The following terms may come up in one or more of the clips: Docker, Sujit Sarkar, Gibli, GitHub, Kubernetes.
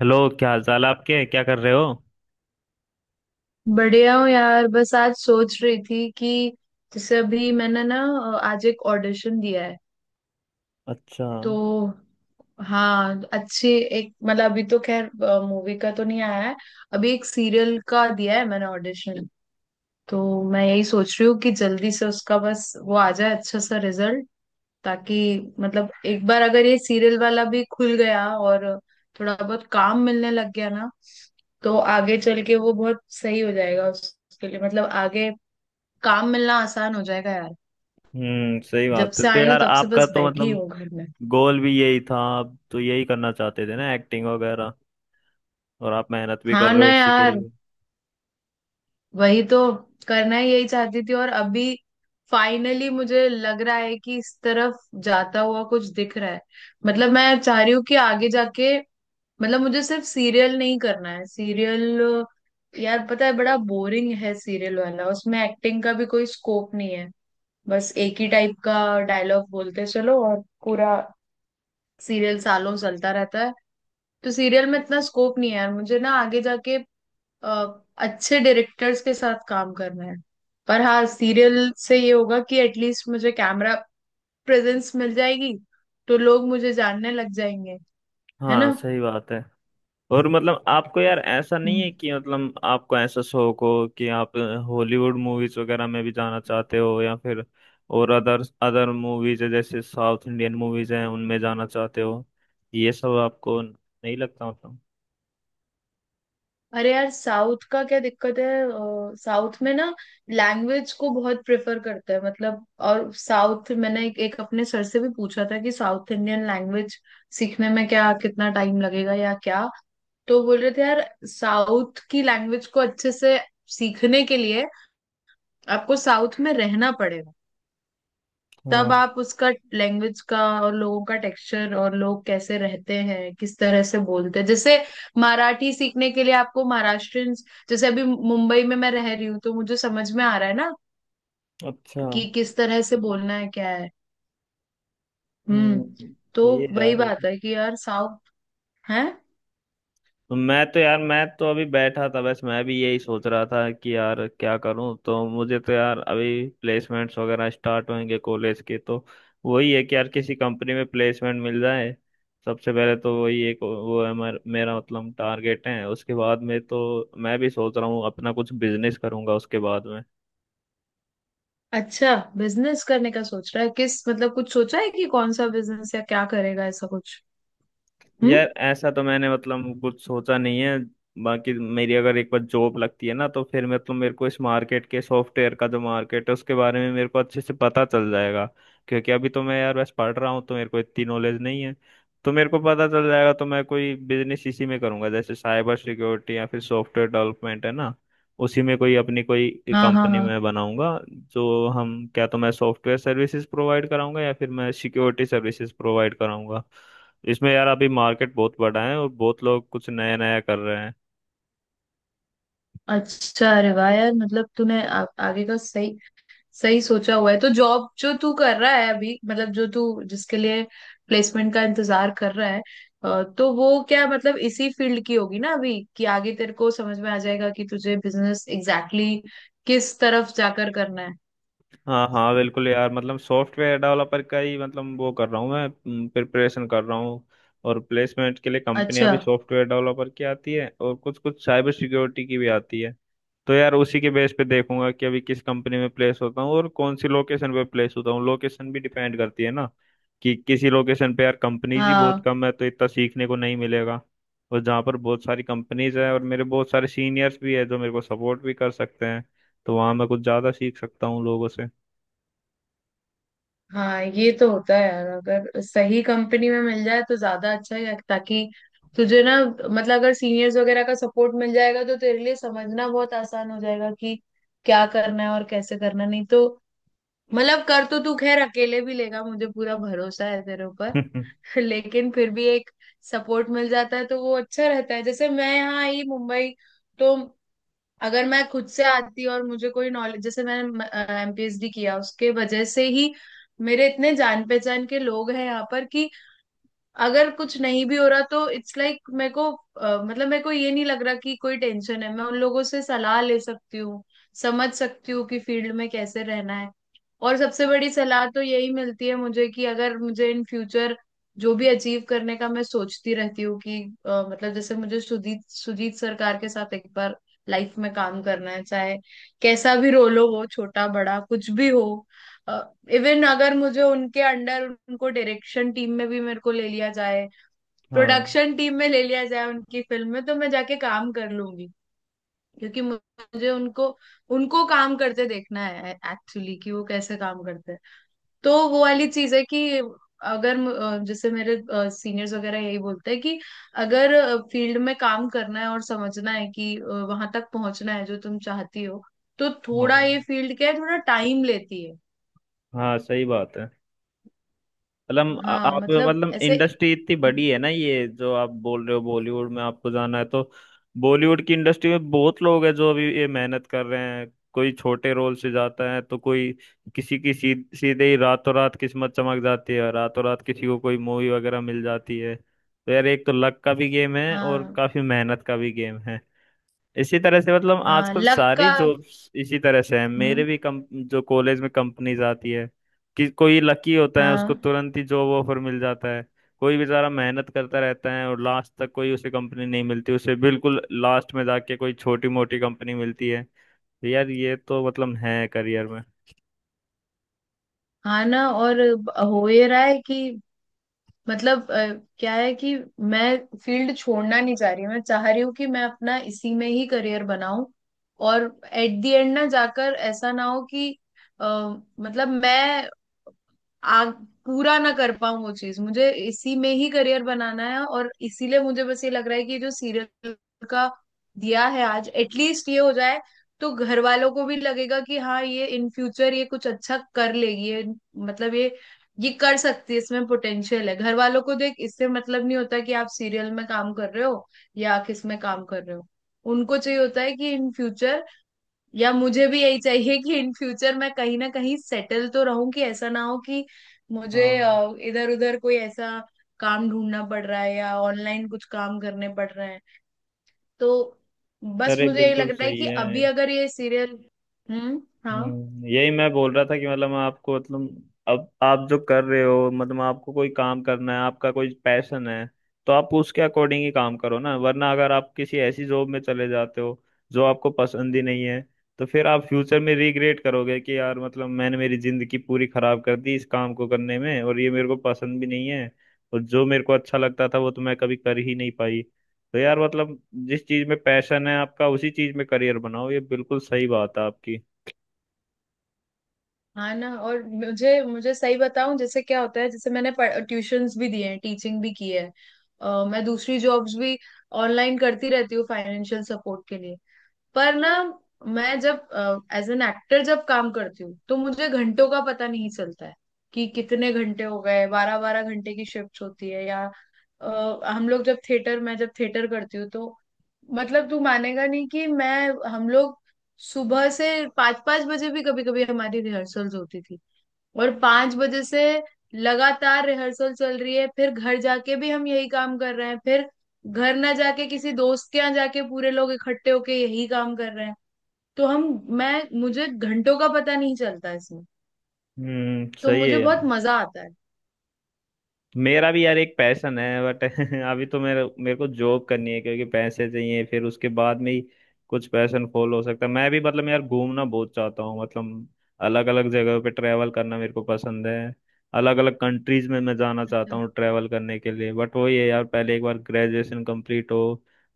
Hello, क्या हाल चाल है आपके? क्या कर रहे हो? बढ़िया हूँ यार। बस आज सोच रही थी कि जैसे अभी मैंने ना आज एक ऑडिशन दिया है। अच्छा। तो हाँ, अच्छी एक मतलब अभी तो खैर मूवी का तो नहीं आया है। अभी एक सीरियल का दिया है मैंने ऑडिशन। तो मैं यही सोच रही हूँ कि जल्दी से उसका बस वो आ जाए अच्छा सा रिजल्ट, ताकि मतलब एक बार अगर ये सीरियल वाला भी खुल गया और थोड़ा बहुत काम मिलने लग गया ना, तो आगे चल के वो बहुत सही हो जाएगा उसके लिए, मतलब आगे काम मिलना आसान हो जाएगा यार। सही जब बात है। से तो आई हूँ यार तब से आपका बस तो बैठी मतलब हूँ घर में। गोल भी यही था, आप तो यही करना चाहते थे ना, एक्टिंग वगैरह। और आप मेहनत भी कर हाँ रहे ना हो इसी के यार, लिए। वही तो, करना ही यही चाहती थी। और अभी फाइनली मुझे लग रहा है कि इस तरफ जाता हुआ कुछ दिख रहा है। मतलब मैं चाह रही हूँ कि आगे जाके मतलब मुझे सिर्फ सीरियल नहीं करना है। सीरियल यार पता है बड़ा बोरिंग है, सीरियल वाला उसमें एक्टिंग का भी कोई स्कोप नहीं है। बस एक ही टाइप का डायलॉग बोलते चलो, और पूरा सीरियल सालों चलता रहता है। तो सीरियल में इतना स्कोप नहीं है यार मुझे, ना आगे जाके अच्छे डायरेक्टर्स के साथ काम करना है। पर हाँ, सीरियल से ये होगा कि एटलीस्ट मुझे कैमरा प्रेजेंस मिल जाएगी, तो लोग मुझे जानने लग जाएंगे। है हाँ, ना। सही बात है। और मतलब आपको यार ऐसा नहीं हम्म। है कि मतलब आपको ऐसा शौक हो कि आप हॉलीवुड मूवीज वगैरह में भी जाना चाहते हो, या फिर और अदर अदर मूवीज है, जैसे साउथ इंडियन मूवीज हैं, उनमें जाना चाहते हो? ये सब आपको नहीं लगता मतलब? अरे यार, साउथ का क्या दिक्कत है? साउथ में ना लैंग्वेज को बहुत प्रेफर करते हैं मतलब। और साउथ मैंने एक अपने सर से भी पूछा था कि साउथ इंडियन लैंग्वेज सीखने में क्या कितना टाइम लगेगा या क्या। तो बोल रहे थे यार, साउथ की लैंग्वेज को अच्छे से सीखने के लिए आपको साउथ में रहना पड़ेगा। तब हाँ। आप उसका लैंग्वेज का और लोगों का टेक्सचर, और लोग कैसे रहते हैं, किस तरह से बोलते हैं, जैसे मराठी सीखने के लिए आपको महाराष्ट्रियन। जैसे अभी मुंबई में मैं रह रही हूँ तो मुझे समझ में आ रहा है ना अच्छा। कि किस तरह से बोलना है, क्या है। हम्म, हम्म तो सही है वही यार। बात है कि यार साउथ है। तो मैं तो यार मैं तो अभी बैठा था, बस मैं भी यही सोच रहा था कि यार क्या करूं। तो मुझे तो यार अभी प्लेसमेंट्स वगैरह स्टार्ट होंगे कॉलेज के, तो वही है कि यार किसी कंपनी में प्लेसमेंट मिल जाए। सबसे पहले तो वही एक वो है, मेरा मतलब टारगेट है। उसके बाद में तो मैं भी सोच रहा हूँ अपना कुछ बिजनेस करूंगा उसके बाद में। अच्छा, बिजनेस करने का सोच रहा है? किस मतलब कुछ सोचा है कि कौन सा बिजनेस या क्या करेगा ऐसा कुछ? हम्म। यार ऐसा तो मैंने मतलब कुछ सोचा नहीं है। बाकी मेरी अगर एक बार जॉब लगती है ना, तो फिर मतलब मेरे को इस मार्केट के सॉफ्टवेयर का जो मार्केट है उसके बारे में मेरे को अच्छे से पता चल जाएगा। क्योंकि अभी तो मैं यार बस पढ़ रहा हूँ, तो मेरे को इतनी नॉलेज नहीं है। तो मेरे को पता चल जाएगा, तो मैं कोई बिजनेस इसी में करूंगा, जैसे साइबर सिक्योरिटी या फिर सॉफ्टवेयर डेवलपमेंट है ना, उसी में कोई अपनी कोई हाँ हाँ कंपनी हाँ। में बनाऊंगा। जो हम क्या, तो मैं सॉफ्टवेयर सर्विसेज प्रोवाइड कराऊंगा या फिर मैं सिक्योरिटी सर्विसेज प्रोवाइड कराऊंगा। इसमें यार अभी मार्केट बहुत बड़ा है और बहुत लोग कुछ नया नया कर रहे हैं। अच्छा, अरे वाह यार, मतलब तूने आगे का सही सही सोचा हुआ है। तो जॉब जो तू कर रहा है अभी, मतलब जो तू जिसके लिए प्लेसमेंट का इंतजार कर रहा है, तो वो क्या मतलब इसी फील्ड की होगी ना अभी, कि आगे तेरे को समझ में आ जाएगा कि तुझे बिजनेस एग्जैक्टली exactly किस तरफ जाकर करना है। हाँ हाँ, बिल्कुल यार, मतलब सॉफ्टवेयर डेवलपर का ही मतलब वो कर रहा हूँ, मैं प्रिपरेशन कर रहा हूँ। और प्लेसमेंट के लिए कंपनियां अच्छा। भी सॉफ्टवेयर डेवलपर की आती है और कुछ कुछ साइबर सिक्योरिटी की भी आती है। तो यार उसी के बेस पे देखूंगा कि अभी किस कंपनी में प्लेस होता हूँ और कौन सी लोकेशन पे प्लेस होता हूँ। लोकेशन भी डिपेंड करती है ना, कि किसी लोकेशन पे यार कंपनीज ही बहुत हाँ कम है, तो इतना सीखने को नहीं मिलेगा। और जहाँ पर बहुत सारी कंपनीज है और मेरे बहुत सारे सीनियर्स भी है जो मेरे को सपोर्ट भी कर सकते हैं, तो वहाँ मैं कुछ ज़्यादा सीख सकता हूँ लोगों से। हाँ, ये तो होता है यार, अगर सही कंपनी में मिल जाए तो ज्यादा अच्छा है, ताकि तुझे ना मतलब अगर सीनियर्स वगैरह का सपोर्ट मिल जाएगा तो तेरे लिए समझना बहुत आसान हो जाएगा कि क्या करना है और कैसे करना। नहीं तो मतलब कर तो तू खैर अकेले भी लेगा, मुझे पूरा भरोसा है तेरे ऊपर। लेकिन फिर भी एक सपोर्ट मिल जाता है तो वो अच्छा रहता है। जैसे मैं यहाँ आई मुंबई, तो अगर मैं खुद से आती और मुझे कोई नॉलेज, जैसे मैंने एमपीएसडी किया उसके वजह से ही मेरे इतने जान पहचान के लोग हैं यहाँ पर, कि अगर कुछ नहीं भी हो रहा तो इट्स लाइक, मेरे को मतलब मेरे को ये नहीं लग रहा कि कोई टेंशन है। मैं उन लोगों से सलाह ले सकती हूँ, समझ सकती हूँ कि फील्ड में कैसे रहना है। और सबसे बड़ी सलाह तो यही मिलती है मुझे कि अगर मुझे इन फ्यूचर जो भी अचीव करने का मैं सोचती रहती हूँ कि मतलब जैसे मुझे सुजीत सुजीत सरकार के साथ एक बार लाइफ में काम करना है, चाहे कैसा भी रोल हो, वो छोटा बड़ा कुछ भी हो। इवन अगर मुझे उनके अंडर उनको डायरेक्शन टीम में भी मेरे को ले लिया जाए, हाँ प्रोडक्शन टीम में ले लिया जाए उनकी फिल्म में, तो मैं जाके काम कर लूंगी। क्योंकि मुझे उनको उनको काम करते देखना है एक्चुअली कि वो कैसे काम करते हैं। तो वो वाली चीज है कि अगर जैसे मेरे सीनियर्स वगैरह यही बोलते हैं कि अगर फील्ड में काम करना है और समझना है कि वहां तक पहुंचना है जो तुम चाहती हो, तो थोड़ा ये हाँ फील्ड क्या है, थोड़ा टाइम लेती है। हाँ, सही बात है। मतलब आ- हाँ आप मतलब मतलब ऐसे। इंडस्ट्री इतनी बड़ी है ना, ये जो आप बोल रहे हो बॉलीवुड में आपको जाना है, तो बॉलीवुड की इंडस्ट्री में बहुत लोग हैं जो अभी ये मेहनत कर रहे हैं। कोई छोटे रोल से जाता है, तो कोई किसी की सीधे ही रातों रात किस्मत चमक जाती है, रातों रात किसी को कोई मूवी वगैरह मिल जाती है। तो यार एक तो लक का भी गेम है और हाँ काफी मेहनत का भी गेम है। इसी तरह से मतलब हाँ, आजकल लक का। सारी जॉब्स इसी तरह से है, मेरे हम्म। भी कम जो कॉलेज में कंपनीज आती है, कि कोई लकी होता है उसको हाँ। तुरंत ही जॉब ऑफर मिल जाता है। कोई बेचारा मेहनत करता रहता है और लास्ट तक कोई उसे कंपनी नहीं मिलती, उसे बिल्कुल लास्ट में जाके कोई छोटी मोटी कंपनी मिलती है। तो यार ये तो मतलब है करियर में। हाँ ना, और हो ये रहा है कि मतलब क्या है कि मैं फील्ड छोड़ना नहीं चाह रही, मैं चाह रही हूँ कि मैं अपना इसी में ही करियर बनाऊं। और एट द एंड ना जाकर ऐसा ना हो कि अ, मतलब मैं आग पूरा ना कर पाऊं वो चीज, मुझे इसी में ही करियर बनाना है। और इसीलिए मुझे बस ये लग रहा है कि ये जो सीरियल का दिया है आज, एटलीस्ट ये हो जाए, तो घर वालों को भी लगेगा कि हाँ, ये इन फ्यूचर ये कुछ अच्छा कर लेगी ये, मतलब ये कर सकती है, इसमें पोटेंशियल है। घर वालों को देख इससे मतलब नहीं होता कि आप सीरियल में काम कर रहे हो या किस में काम कर रहे हो। उनको चाहिए होता है कि इन फ्यूचर, या मुझे भी यही चाहिए कि इन फ्यूचर मैं कहीं ना कहीं सेटल तो रहूं, कि ऐसा ना हो कि मुझे हाँ, इधर उधर कोई ऐसा काम ढूंढना पड़ रहा है या ऑनलाइन कुछ काम करने पड़ रहे हैं। तो बस अरे मुझे ये लग बिल्कुल रहा है सही कि है। अभी अगर ये सीरियल। हम्म। हाँ। यही मैं बोल रहा था कि मतलब मैं आपको, मतलब अब आप जो कर रहे हो, मतलब आपको कोई काम करना है, आपका कोई पैशन है, तो आप उसके अकॉर्डिंग ही काम करो ना। वरना अगर आप किसी ऐसी जॉब में चले जाते हो जो आपको पसंद ही नहीं है, तो फिर आप फ्यूचर में रिग्रेट करोगे कि यार, मतलब मैंने मेरी जिंदगी पूरी खराब कर दी इस काम को करने में, और ये मेरे को पसंद भी नहीं है। और जो मेरे को अच्छा लगता था वो तो मैं कभी कर ही नहीं पाई। तो यार मतलब जिस चीज में पैशन है आपका उसी चीज में करियर बनाओ, ये बिल्कुल सही बात है आपकी। हाँ ना, और मुझे मुझे सही बताऊं जैसे क्या होता है, जैसे मैंने ट्यूशंस भी दिए हैं, टीचिंग भी की है, मैं दूसरी जॉब्स भी ऑनलाइन करती रहती हूँ फाइनेंशियल सपोर्ट के लिए। पर ना, मैं जब एज एन एक्टर जब काम करती हूँ तो मुझे घंटों का पता नहीं चलता है कि कितने घंटे हो गए। बारह बारह घंटे की शिफ्ट होती है, या हम लोग जब थिएटर, मैं जब थिएटर करती हूँ तो मतलब तू मानेगा नहीं कि मैं हम लोग सुबह से पाँच पाँच बजे भी कभी कभी हमारी रिहर्सल्स होती थी। और पांच बजे से लगातार रिहर्सल चल रही है, फिर घर जाके भी हम यही काम कर रहे हैं, फिर घर ना जाके किसी दोस्त के यहाँ जाके पूरे लोग इकट्ठे होके यही काम कर रहे हैं। तो हम, मैं मुझे घंटों का पता नहीं चलता इसमें। हम्म, तो सही है मुझे बहुत यार। मजा आता है। मेरा भी यार एक पैशन है बट अभी तो मेरे मेरे को जॉब करनी है, क्योंकि पैसे चाहिए, फिर उसके बाद में ही कुछ पैशन फॉल हो सकता है। मैं भी मतलब यार घूमना बहुत चाहता हूँ, मतलब अलग अलग जगह पे ट्रैवल करना मेरे को पसंद है। अलग अलग कंट्रीज में मैं जाना चाहता अच्छा। हूँ ट्रैवल करने के लिए, बट वही है यार पहले एक बार ग्रेजुएशन कंप्लीट हो,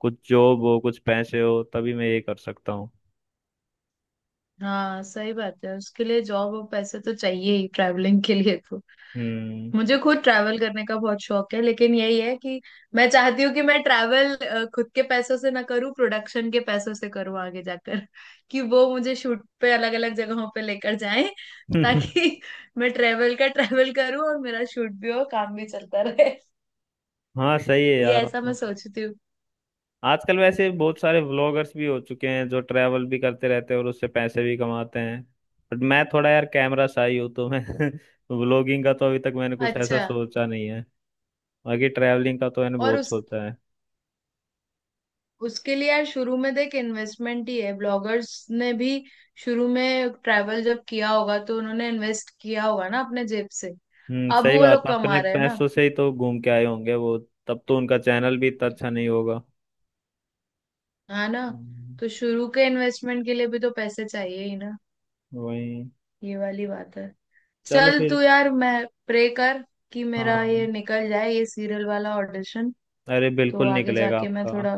कुछ जॉब हो, कुछ पैसे हो, तभी मैं ये कर सकता हूँ। हाँ सही बात है, उसके लिए जॉब और पैसे तो चाहिए ही ट्रैवलिंग के लिए, तो हम्म। मुझे खुद ट्रैवल करने का बहुत शौक है। लेकिन यही है कि मैं चाहती हूँ कि मैं ट्रैवल खुद के पैसों से ना करूँ, प्रोडक्शन के पैसों से करूँ आगे जाकर। कि वो मुझे शूट पे अलग अलग जगहों पे लेकर जाएं। ताकि मैं ट्रैवल का ट्रैवल करूँ और मेरा शूट भी हो, काम भी चलता रहे। हाँ, सही है ये यार। ऐसा मैं मतलब सोचती हूँ। आजकल वैसे बहुत सारे व्लॉगर्स भी हो चुके हैं जो ट्रैवल भी करते रहते हैं और उससे पैसे भी कमाते हैं, बट मैं थोड़ा यार कैमरा शाई हूँ, तो मैं व्लॉगिंग का तो अभी तक मैंने कुछ ऐसा अच्छा। सोचा नहीं है। बाकी ट्रैवलिंग का तो मैंने और बहुत उस सोचा है। उसके लिए यार शुरू में देख इन्वेस्टमेंट ही है, ब्लॉगर्स ने भी शुरू में ट्रैवल जब किया होगा तो उन्होंने इन्वेस्ट किया होगा ना अपने जेब से। अब सही वो बात लोग है, अपने कमा रहे हैं ना। पैसों से ही तो घूम के आए होंगे वो। तब तो उनका चैनल भी इतना अच्छा नहीं होगा। है ना। हम्म, तो शुरू के इन्वेस्टमेंट के लिए भी तो पैसे चाहिए ही ना। वही। ये वाली बात है। चलो चल फिर। तू यार, मैं प्रे कर कि मेरा ये हाँ, निकल जाए, ये सीरियल वाला ऑडिशन। अरे तो बिल्कुल आगे निकलेगा जाके मैं आपका। थोड़ा।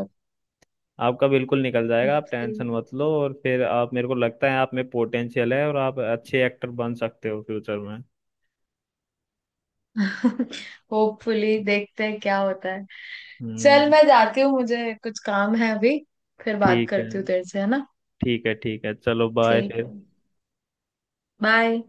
आपका बिल्कुल निकल जाएगा, आप टेंशन मत लो। और फिर आप, मेरे को लगता है आप में पोटेंशियल है, और आप अच्छे एक्टर बन सकते हो फ्यूचर में। होपफुली देखते हैं क्या होता है। चल हम्म। मैं जाती हूँ, मुझे कुछ काम है अभी। फिर बात ठीक है, करती हूँ तेरे से, है ना। ठीक है, ठीक है, चलो बाय ठीक है। फिर। बाय।